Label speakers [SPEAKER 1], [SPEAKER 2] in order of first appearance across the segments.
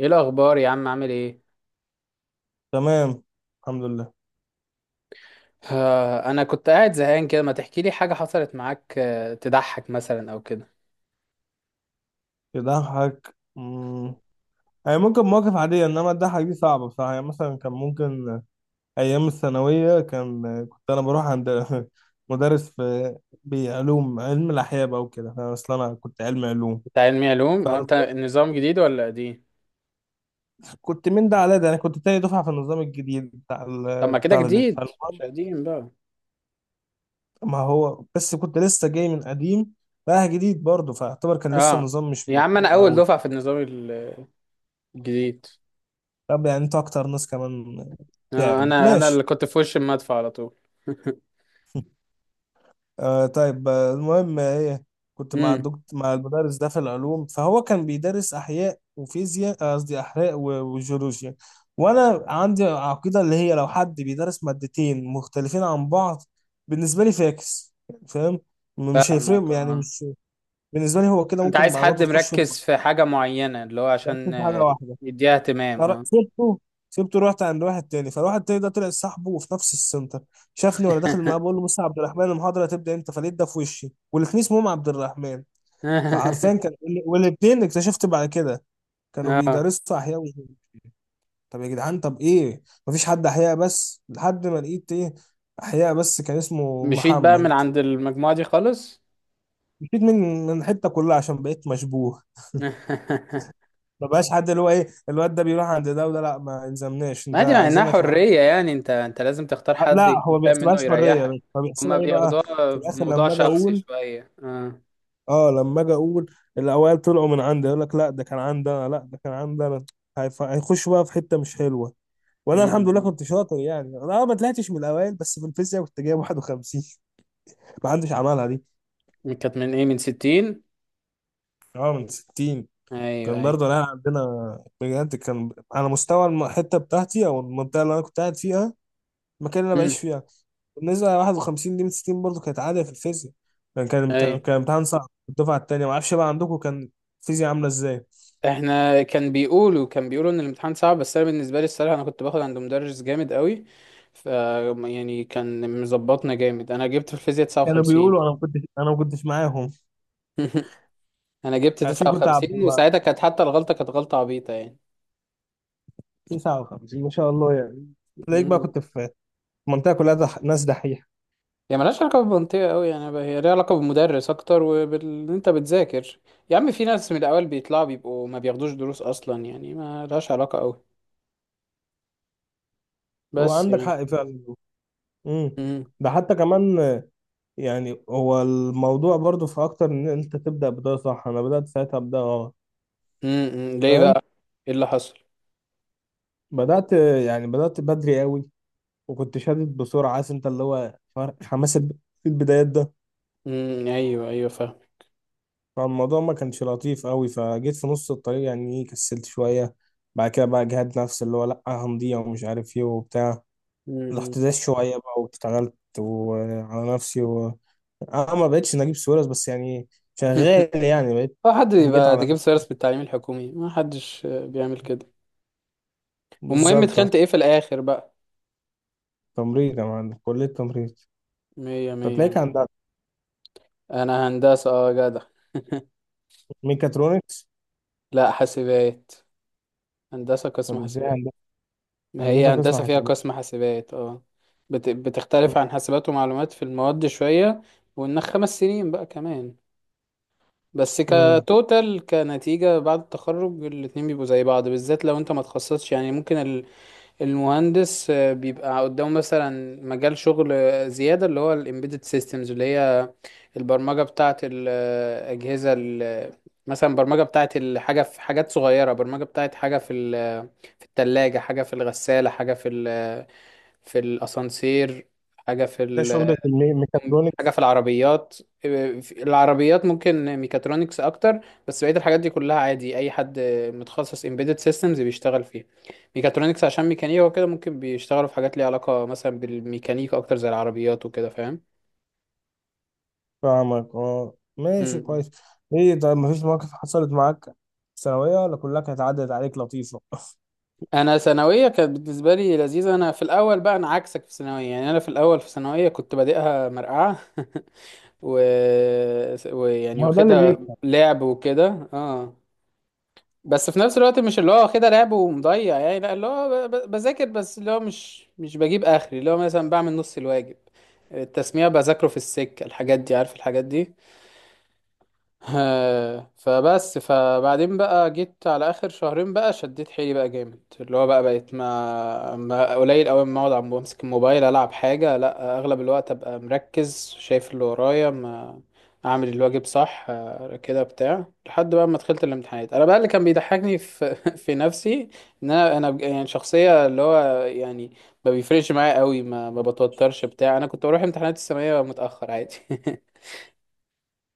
[SPEAKER 1] ايه الاخبار يا عم عامل ايه؟
[SPEAKER 2] تمام. الحمد لله.
[SPEAKER 1] انا كنت قاعد زهقان كده، ما تحكي لي حاجه حصلت معاك، تضحك مثلا او كده؟
[SPEAKER 2] يضحك يعني ممكن مواقف عادية، إنما الضحك دي صعبة بصراحة. يعني مثلا كان ممكن أيام الثانوية كنت أنا بروح عند مدرس في بعلوم علم الأحياء بقى وكده. فأنا أصل أنا كنت علم علوم،
[SPEAKER 1] انت علمي علوم؟ اه، انت النظام جديد ولا قديم؟
[SPEAKER 2] فكنت من ده على ده. أنا كنت تاني دفعة في النظام الجديد
[SPEAKER 1] طب ما كده جديد مش
[SPEAKER 2] فالمهم،
[SPEAKER 1] قديم بقى.
[SPEAKER 2] ما هو بس كنت لسه جاي من قديم رايح جديد برضه، فاعتبر كان لسه
[SPEAKER 1] اه
[SPEAKER 2] النظام مش
[SPEAKER 1] يا عم، انا
[SPEAKER 2] مفهوم
[SPEAKER 1] اول
[SPEAKER 2] قوي.
[SPEAKER 1] دفعه في النظام الجديد.
[SPEAKER 2] طب يعني أنت أكتر ناس كمان تعبت
[SPEAKER 1] انا اللي
[SPEAKER 2] ماشي.
[SPEAKER 1] كنت في وش المدفع على طول.
[SPEAKER 2] آه طيب، المهم ايه، كنت مع
[SPEAKER 1] امم.
[SPEAKER 2] الدكتور مع المدرس ده في العلوم، فهو كان بيدرس احياء وفيزياء، قصدي احياء وجيولوجيا. وانا عندي عقيده اللي هي لو حد بيدرس مادتين مختلفين عن بعض بالنسبه لي فاكس، يعني فاهم، مش
[SPEAKER 1] فاهمك
[SPEAKER 2] هيفرق يعني
[SPEAKER 1] اه.
[SPEAKER 2] مش، بالنسبه لي هو كده
[SPEAKER 1] انت
[SPEAKER 2] ممكن
[SPEAKER 1] عايز حد
[SPEAKER 2] معلوماته تخش في
[SPEAKER 1] مركز
[SPEAKER 2] بعض.
[SPEAKER 1] في حاجه معينه، اللي هو
[SPEAKER 2] بس
[SPEAKER 1] عشان
[SPEAKER 2] في حاجه واحده.
[SPEAKER 1] يديها اهتمام
[SPEAKER 2] فر-
[SPEAKER 1] اه.
[SPEAKER 2] سبته سبته رحت عند واحد تاني، فالواحد التاني ده طلع صاحبه وفي نفس السنتر. شافني وانا داخل معاه بقول له بص يا عبد الرحمن المحاضره هتبدا امتى، فلقيت ده في وشي والاتنين اسمهم عبد الرحمن. فعارفين كان، والاتنين اكتشفت بعد كده كانوا
[SPEAKER 1] اه
[SPEAKER 2] بيدرسوا احياء وعلوم. طب يا جدعان، طب ايه، مفيش حد احياء بس، لحد ما لقيت ايه، احياء بس كان اسمه
[SPEAKER 1] مشيت بقى من
[SPEAKER 2] محمد.
[SPEAKER 1] عند المجموعه دي خالص.
[SPEAKER 2] مشيت من حته كلها عشان بقيت مشبوه. ما بقاش حد، اللي هو ايه الواد ده بيروح عند ده وده، لا ما يلزمناش انت
[SPEAKER 1] ما دي مع انها
[SPEAKER 2] عايزينك معانا.
[SPEAKER 1] حرية، يعني انت لازم تختار حد
[SPEAKER 2] لا هو
[SPEAKER 1] يكون
[SPEAKER 2] ما
[SPEAKER 1] فاهم منه
[SPEAKER 2] بيحسبهاش حريه،
[SPEAKER 1] يريحك.
[SPEAKER 2] بس هو
[SPEAKER 1] هما
[SPEAKER 2] بيحسبها ايه بقى.
[SPEAKER 1] بياخدوها
[SPEAKER 2] في الاخر
[SPEAKER 1] بموضوع
[SPEAKER 2] لما اجي
[SPEAKER 1] شخصي
[SPEAKER 2] اقول،
[SPEAKER 1] شوية اه.
[SPEAKER 2] اه لما اجي اقول الاوائل طلعوا من عندي يقول لك لا ده كان عندنا لا ده كان عندنا. هيخش بقى في حته مش حلوه. وانا الحمد لله
[SPEAKER 1] امم.
[SPEAKER 2] كنت شاطر يعني، انا اه ما طلعتش من الاوائل، بس في الفيزياء كنت جايب 51. ما حدش عملها دي.
[SPEAKER 1] كانت من ايه، من ستين؟
[SPEAKER 2] اه من 60.
[SPEAKER 1] ايوه
[SPEAKER 2] كان
[SPEAKER 1] ايوه.
[SPEAKER 2] برضه انا عندنا بجد كان على مستوى الحته بتاعتي او المنطقه اللي انا كنت قاعد فيها، المكان اللي انا بعيش
[SPEAKER 1] امم.
[SPEAKER 2] فيها. بالنسبة ل 51 دي من 60 برضه كانت عادة في الفيزياء. يعني كان امتحان
[SPEAKER 1] ايوه،
[SPEAKER 2] كان امتحان صعب. الدفعة التانية معرفش بقى عندكم كان الفيزياء عاملة ازاي.
[SPEAKER 1] احنا كان بيقولوا، كان بيقولوا ان الامتحان صعب، بس انا بالنسبة لي الصراحة انا كنت باخد عند مدرس جامد قوي، ف يعني كان مظبطنا جامد. انا جبت في الفيزياء
[SPEAKER 2] كانوا
[SPEAKER 1] 59.
[SPEAKER 2] بيقولوا، انا ما كنتش معاهم.
[SPEAKER 1] انا جبت
[SPEAKER 2] اكيد كنت عبد
[SPEAKER 1] 59،
[SPEAKER 2] الله.
[SPEAKER 1] وساعتها كانت حتى الغلطة كانت غلطة عبيطة.
[SPEAKER 2] 59 ما شاء الله يعني. تلاقيك بقى
[SPEAKER 1] يعني
[SPEAKER 2] كنت في منطقة كلها ناس دحيحة.
[SPEAKER 1] هي ملهاش علاقة بالمنطقة أوي يعني بقى، هي ليها علاقة بالمدرس أكتر وبال إن أنت بتذاكر. يا عم، في ناس من الأول بيطلعوا بيبقوا ما بياخدوش دروس أصلا، يعني ما لهاش علاقة أوي. بس
[SPEAKER 2] وعندك
[SPEAKER 1] يعني.
[SPEAKER 2] حق فعلا. امم.
[SPEAKER 1] مم.
[SPEAKER 2] ده حتى كمان، يعني هو الموضوع برضه في اكتر ان انت تبدأ بداية صح، انا بدأت ساعتها بداية غلط،
[SPEAKER 1] مم. مم. ليه
[SPEAKER 2] فاهم.
[SPEAKER 1] بقى؟ إيه اللي حصل؟
[SPEAKER 2] بدأت، يعني بدأت بدري قوي، وكنت شادد بسرعة، عارف انت اللي هو فرق حماس في البدايات ده.
[SPEAKER 1] مم. أيوه أيوه فاهم.
[SPEAKER 2] فالموضوع ما كانش لطيف قوي، فجيت في نص الطريق يعني إيه، كسلت شوية. بعد كده بقى جهاد نفسي اللي هو لأ هنضيع ومش عارف ايه وبتاع.
[SPEAKER 1] مم.
[SPEAKER 2] رحت داس شوية بقى واشتغلت وعلى نفسي انا ما بقتش نجيب سويرس بس يعني
[SPEAKER 1] مم.
[SPEAKER 2] شغال يعني بقيت.
[SPEAKER 1] هو حد
[SPEAKER 2] جيت
[SPEAKER 1] بيبقى ده
[SPEAKER 2] على
[SPEAKER 1] جيب
[SPEAKER 2] نفسي.
[SPEAKER 1] سيرس بالتعليم الحكومي؟ ما حدش بيعمل كده. والمهم
[SPEAKER 2] بالظبط
[SPEAKER 1] دخلت
[SPEAKER 2] اه.
[SPEAKER 1] إيه في الآخر بقى؟
[SPEAKER 2] تمريض يا معلم، كلية تمريض.
[SPEAKER 1] مية
[SPEAKER 2] طب تلاقيك
[SPEAKER 1] مية.
[SPEAKER 2] عند
[SPEAKER 1] أنا هندسة أه جدع.
[SPEAKER 2] ميكاترونكس.
[SPEAKER 1] لا حاسبات. هندسة قسم
[SPEAKER 2] طب ازاي
[SPEAKER 1] حاسبات. ما هي
[SPEAKER 2] هندسة قسم
[SPEAKER 1] هندسة فيها
[SPEAKER 2] حسابات.
[SPEAKER 1] قسم حاسبات اه. بتختلف عن حاسبات ومعلومات في المواد شوية، وإنك خمس سنين بقى كمان. بس كتوتال كنتيجة بعد التخرج الاتنين بيبقوا زي بعض، بالذات لو انت ما تخصصش. يعني ممكن المهندس بيبقى قدامه مثلا مجال شغل زيادة، اللي هو ال embedded systems اللي هي البرمجة بتاعة الأجهزة مثلا برمجة بتاعة الحاجة في حاجات صغيرة، برمجة بتاعة حاجة في في التلاجة، حاجة في الغسالة، حاجة في ال في الاسانسير، حاجه في
[SPEAKER 2] ده شغل
[SPEAKER 1] ال...
[SPEAKER 2] في
[SPEAKER 1] حاجه
[SPEAKER 2] ميكاترونكس.
[SPEAKER 1] في العربيات. في العربيات ممكن ميكاترونكس اكتر، بس بقيه الحاجات دي كلها عادي اي حد متخصص embedded systems بيشتغل فيها. ميكاترونكس عشان ميكانيكا وكده، ممكن بيشتغلوا في حاجات ليها علاقه مثلا بالميكانيكا اكتر زي العربيات وكده، فاهم.
[SPEAKER 2] فاهمك اه، ماشي
[SPEAKER 1] مم.
[SPEAKER 2] كويس. ايه طيب، مفيش مواقف حصلت معاك في ثانوية ولا كلها كانت عدت عليك لطيفة؟
[SPEAKER 1] انا ثانويه كانت بالنسبه لي لذيذه. انا في الاول بقى انا عكسك في ثانويه، يعني انا في الاول في ثانويه كنت بادئها مرقعه. و... ويعني
[SPEAKER 2] ما هو ده اللي
[SPEAKER 1] واخدها
[SPEAKER 2] بيكفي.
[SPEAKER 1] لعب وكده اه، بس في نفس الوقت مش اللي هو واخدها لعب ومضيع يعني، لا اللي هو بذاكر، بس اللي هو مش بجيب اخري، اللي هو مثلا بعمل نص الواجب، التسميع بذاكره في السكة، الحاجات دي، عارف الحاجات دي. فبس فبعدين بقى جيت على اخر شهرين بقى شديت حيلي بقى جامد، اللي هو بقى بقيت ما قليل قوي ما اقعد عم بمسك الموبايل العب حاجه، لا اغلب الوقت ابقى مركز شايف اللي ورايا، ما اعمل الواجب صح، كده بتاع، لحد بقى ما دخلت الامتحانات. انا بقى اللي كان بيضحكني في في نفسي، ان انا يعني شخصيه اللي هو يعني ما بيفرقش معايا قوي، ما بتوترش بتاع. انا كنت بروح امتحانات الثانويه متاخر عادي.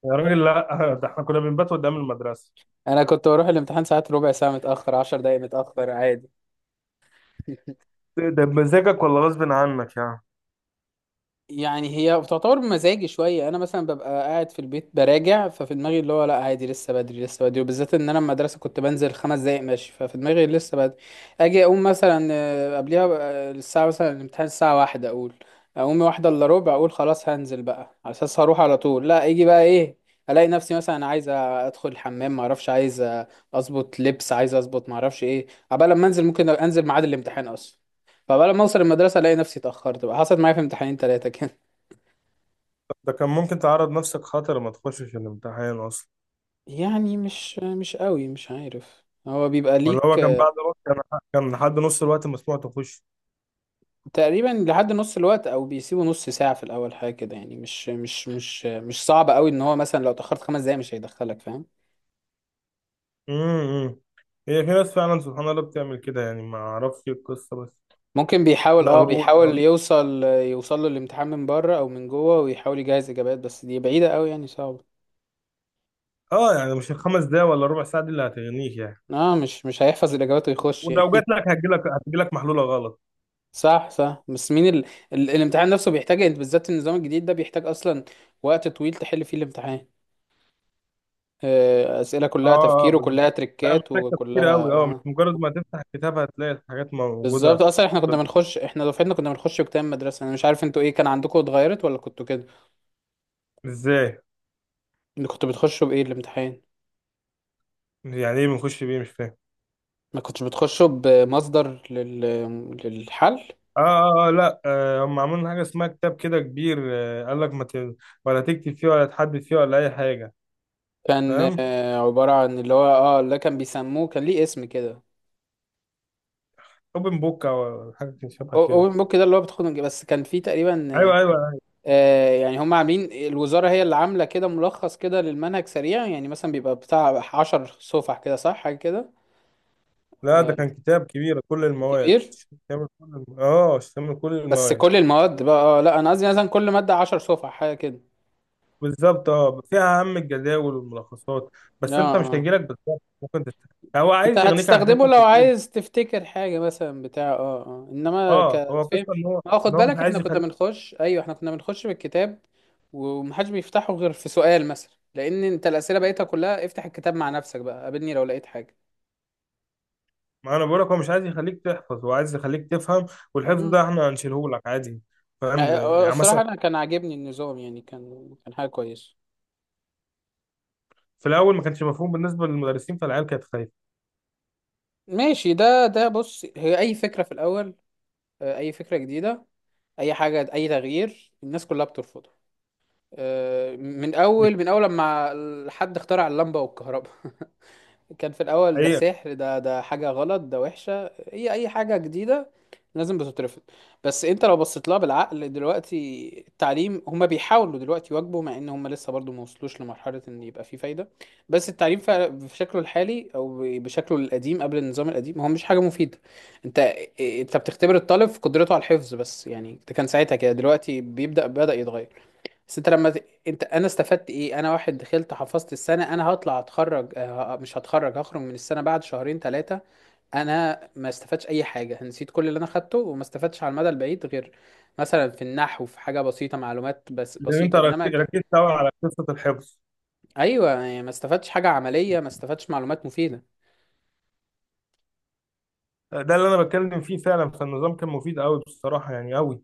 [SPEAKER 2] يا راجل لا، ده احنا كنا بنبات قدام المدرسة.
[SPEAKER 1] انا كنت بروح الامتحان ساعات ربع ساعه متاخر، عشر دقايق متاخر عادي.
[SPEAKER 2] ده بمزاجك ولا غصب عنك يعني.
[SPEAKER 1] يعني هي بتعتبر بمزاجي شويه. انا مثلا ببقى قاعد في البيت براجع، ففي دماغي اللي هو لا عادي لسه بدري لسه بدري، وبالذات ان انا المدرسه كنت بنزل خمس دقايق ماشي، ففي دماغي لسه بدري. اجي اقوم مثلا قبليها بقى الساعه، مثلا الامتحان الساعه واحدة، اقول اقوم واحدة الا ربع، اقول خلاص هنزل بقى على اساس هروح على طول، لا يجي بقى ايه الاقي نفسي مثلا عايز ادخل الحمام، ما اعرفش عايز اظبط لبس، عايز اظبط ما اعرفش ايه، عبال لما انزل ممكن انزل ميعاد الامتحان اصلا. فبقى لما اوصل المدرسه الاقي نفسي اتاخرت بقى. حصلت معايا في امتحانين ثلاثه كده.
[SPEAKER 2] ده كان ممكن تعرض نفسك خطر، ما تخشش الامتحان اصلا.
[SPEAKER 1] يعني مش قوي، مش عارف، هو بيبقى
[SPEAKER 2] ولا
[SPEAKER 1] ليك
[SPEAKER 2] هو كان بعد وقت، كان لحد نص الوقت مسموح تخش.
[SPEAKER 1] تقريبا لحد نص الوقت، او بيسيبوا نص ساعة في الاول حاجة كده، يعني مش صعب قوي ان هو مثلا لو اتأخرت خمس دقايق مش هيدخلك، فاهم.
[SPEAKER 2] امم. هي في ناس فعلا سبحان الله بتعمل كده يعني ما اعرفش القصة، بس
[SPEAKER 1] ممكن بيحاول
[SPEAKER 2] ده
[SPEAKER 1] اه،
[SPEAKER 2] غرور ده.
[SPEAKER 1] بيحاول يوصل له الامتحان من بره او من جوه، ويحاول يجهز اجابات، بس دي بعيدة قوي يعني، صعبة.
[SPEAKER 2] اه يعني مش الخمس دقايق ولا ربع ساعة دي اللي هتغنيك يعني.
[SPEAKER 1] اه مش هيحفظ الاجابات ويخش
[SPEAKER 2] ولو
[SPEAKER 1] يعني.
[SPEAKER 2] جات لك، هتجي لك محلوله غلط.
[SPEAKER 1] صح صح. بس مين ال... ال... الامتحان نفسه بيحتاج، انت بالذات النظام الجديد ده بيحتاج اصلا وقت طويل تحل فيه الامتحان. أسئلة كلها
[SPEAKER 2] اه اه
[SPEAKER 1] تفكير وكلها
[SPEAKER 2] لا
[SPEAKER 1] تريكات
[SPEAKER 2] محتاج تفكير
[SPEAKER 1] وكلها
[SPEAKER 2] قوي، اه مش
[SPEAKER 1] آه.
[SPEAKER 2] مجرد ما تفتح الكتاب هتلاقي الحاجات
[SPEAKER 1] بالظبط،
[SPEAKER 2] موجوده.
[SPEAKER 1] اصلا احنا كنا
[SPEAKER 2] طب
[SPEAKER 1] بنخش، احنا دفعتنا كنا بنخش بكام مدرسة. انا مش عارف انتوا ايه كان عندكم، اتغيرت ولا كنتوا كده؟
[SPEAKER 2] ازاي،
[SPEAKER 1] انتوا كنتوا بتخشوا بايه الامتحان؟
[SPEAKER 2] يعني ايه بنخش بيه مش فاهم.
[SPEAKER 1] ما كنتش بتخشوا بمصدر للحل؟
[SPEAKER 2] اه اه اه لا آه هم عاملين حاجه اسمها كتاب كده كبير، آه قال لك ما ت... ولا تكتب فيه ولا تحدد فيه ولا اي حاجه.
[SPEAKER 1] كان
[SPEAKER 2] فاهم،
[SPEAKER 1] عبارة عن اللي هو اه اللي كان بيسموه، كان ليه اسم كده.
[SPEAKER 2] اوبن بوك او حاجه شبه كده.
[SPEAKER 1] اوبن بوك، ده اللي هو بس كان فيه تقريبا
[SPEAKER 2] ايوه ايوه.
[SPEAKER 1] يعني هم عاملين، الوزارة هي اللي عاملة كده ملخص كده للمنهج سريع، يعني مثلا بيبقى بتاع عشر صفح كده صح حاجة كده.
[SPEAKER 2] لا ده كان كتاب كبير كل المواد،
[SPEAKER 1] كبير.
[SPEAKER 2] شامل كل اه شامل كل
[SPEAKER 1] بس
[SPEAKER 2] المواد.
[SPEAKER 1] كل المواد بقى لا انا قصدي مثلا كل ماده 10 صفحه حاجه كده.
[SPEAKER 2] بالظبط اه، فيها اهم الجداول والملخصات.
[SPEAKER 1] اه
[SPEAKER 2] بس انت مش
[SPEAKER 1] اه.
[SPEAKER 2] هيجيلك بالظبط، ممكن هو
[SPEAKER 1] انت
[SPEAKER 2] عايز يغنيك عن
[SPEAKER 1] هتستخدمه
[SPEAKER 2] حته
[SPEAKER 1] لو
[SPEAKER 2] الايه.
[SPEAKER 1] عايز تفتكر حاجه مثلا بتاع اه اه، انما
[SPEAKER 2] اه هو
[SPEAKER 1] كفهم.
[SPEAKER 2] قصه ان هو،
[SPEAKER 1] اه
[SPEAKER 2] ان
[SPEAKER 1] خد
[SPEAKER 2] هو مش
[SPEAKER 1] بالك احنا
[SPEAKER 2] عايز
[SPEAKER 1] كنا
[SPEAKER 2] يخليك.
[SPEAKER 1] بنخش، ايوه احنا كنا بنخش بالكتاب، ومحدش بيفتحه غير في سؤال مثلا، لان انت الاسئله بقيتها كلها افتح الكتاب مع نفسك بقى قابلني لو لقيت حاجه.
[SPEAKER 2] ما انا بقول لك هو مش عايز يخليك تحفظ، هو عايز يخليك تفهم. والحفظ
[SPEAKER 1] مم.
[SPEAKER 2] ده احنا هنشيله لك عادي. فاهم يعني
[SPEAKER 1] الصراحه
[SPEAKER 2] مثلا.
[SPEAKER 1] انا كان عاجبني النظام يعني، كان كان حاجه كويسه.
[SPEAKER 2] في الاول ما كانش مفهوم بالنسبه للمدرسين، فالعيال كانت خايفه.
[SPEAKER 1] ماشي، ده بص هي اي فكره في الاول، اي فكره جديده، اي حاجه اي تغيير الناس كلها بترفضه. من اول لما حد اخترع اللمبه والكهرباء، كان في الاول ده
[SPEAKER 2] حقيقه.
[SPEAKER 1] سحر، ده حاجه غلط، ده وحشه. هي اي حاجه جديده لازم بتترفض. بس انت لو بصيت لها بالعقل دلوقتي، التعليم هما بيحاولوا دلوقتي يواكبوا، مع ان هما لسه برضو ما وصلوش لمرحله ان يبقى فيه فايده. بس التعليم بشكله الحالي او بشكله القديم قبل النظام القديم هو مش حاجه مفيده. انت انت بتختبر الطالب في قدرته على الحفظ بس يعني، ده كان ساعتها كده، دلوقتي بدأ يتغير. بس انت انت انا استفدت ايه؟ انا واحد دخلت حفظت السنه، انا هطلع اتخرج اه، مش هتخرج هخرج من السنه بعد شهرين ثلاثه، انا ما استفدتش اي حاجه، نسيت كل اللي انا خدته، وما استفدتش على المدى البعيد غير مثلا في النحو في حاجه بسيطه، معلومات بس
[SPEAKER 2] لان انت
[SPEAKER 1] بسيطه،
[SPEAKER 2] ركزت قوي على قصه الحفظ.
[SPEAKER 1] ايوه يعني ما استفدتش حاجه عمليه، ما استفدتش معلومات مفيده.
[SPEAKER 2] ده اللي انا بتكلم فيه فعلا، فالنظام كان مفيد قوي بصراحه يعني قوي.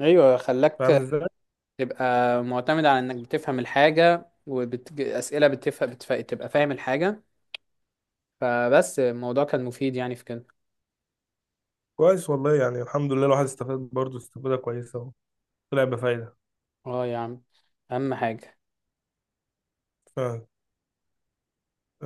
[SPEAKER 1] ايوه،
[SPEAKER 2] فاهم
[SPEAKER 1] خلاك
[SPEAKER 2] ازاي.
[SPEAKER 1] تبقى معتمد على انك بتفهم الحاجه، واسئله بتفهم تبقى فاهم الحاجه. فبس الموضوع كان مفيد يعني في كده.
[SPEAKER 2] كويس والله، يعني الحمد لله الواحد استفاد برضه استفاده كويسه. طلع بفايدة.
[SPEAKER 1] اه يا عم، اهم حاجه.
[SPEAKER 2] ف...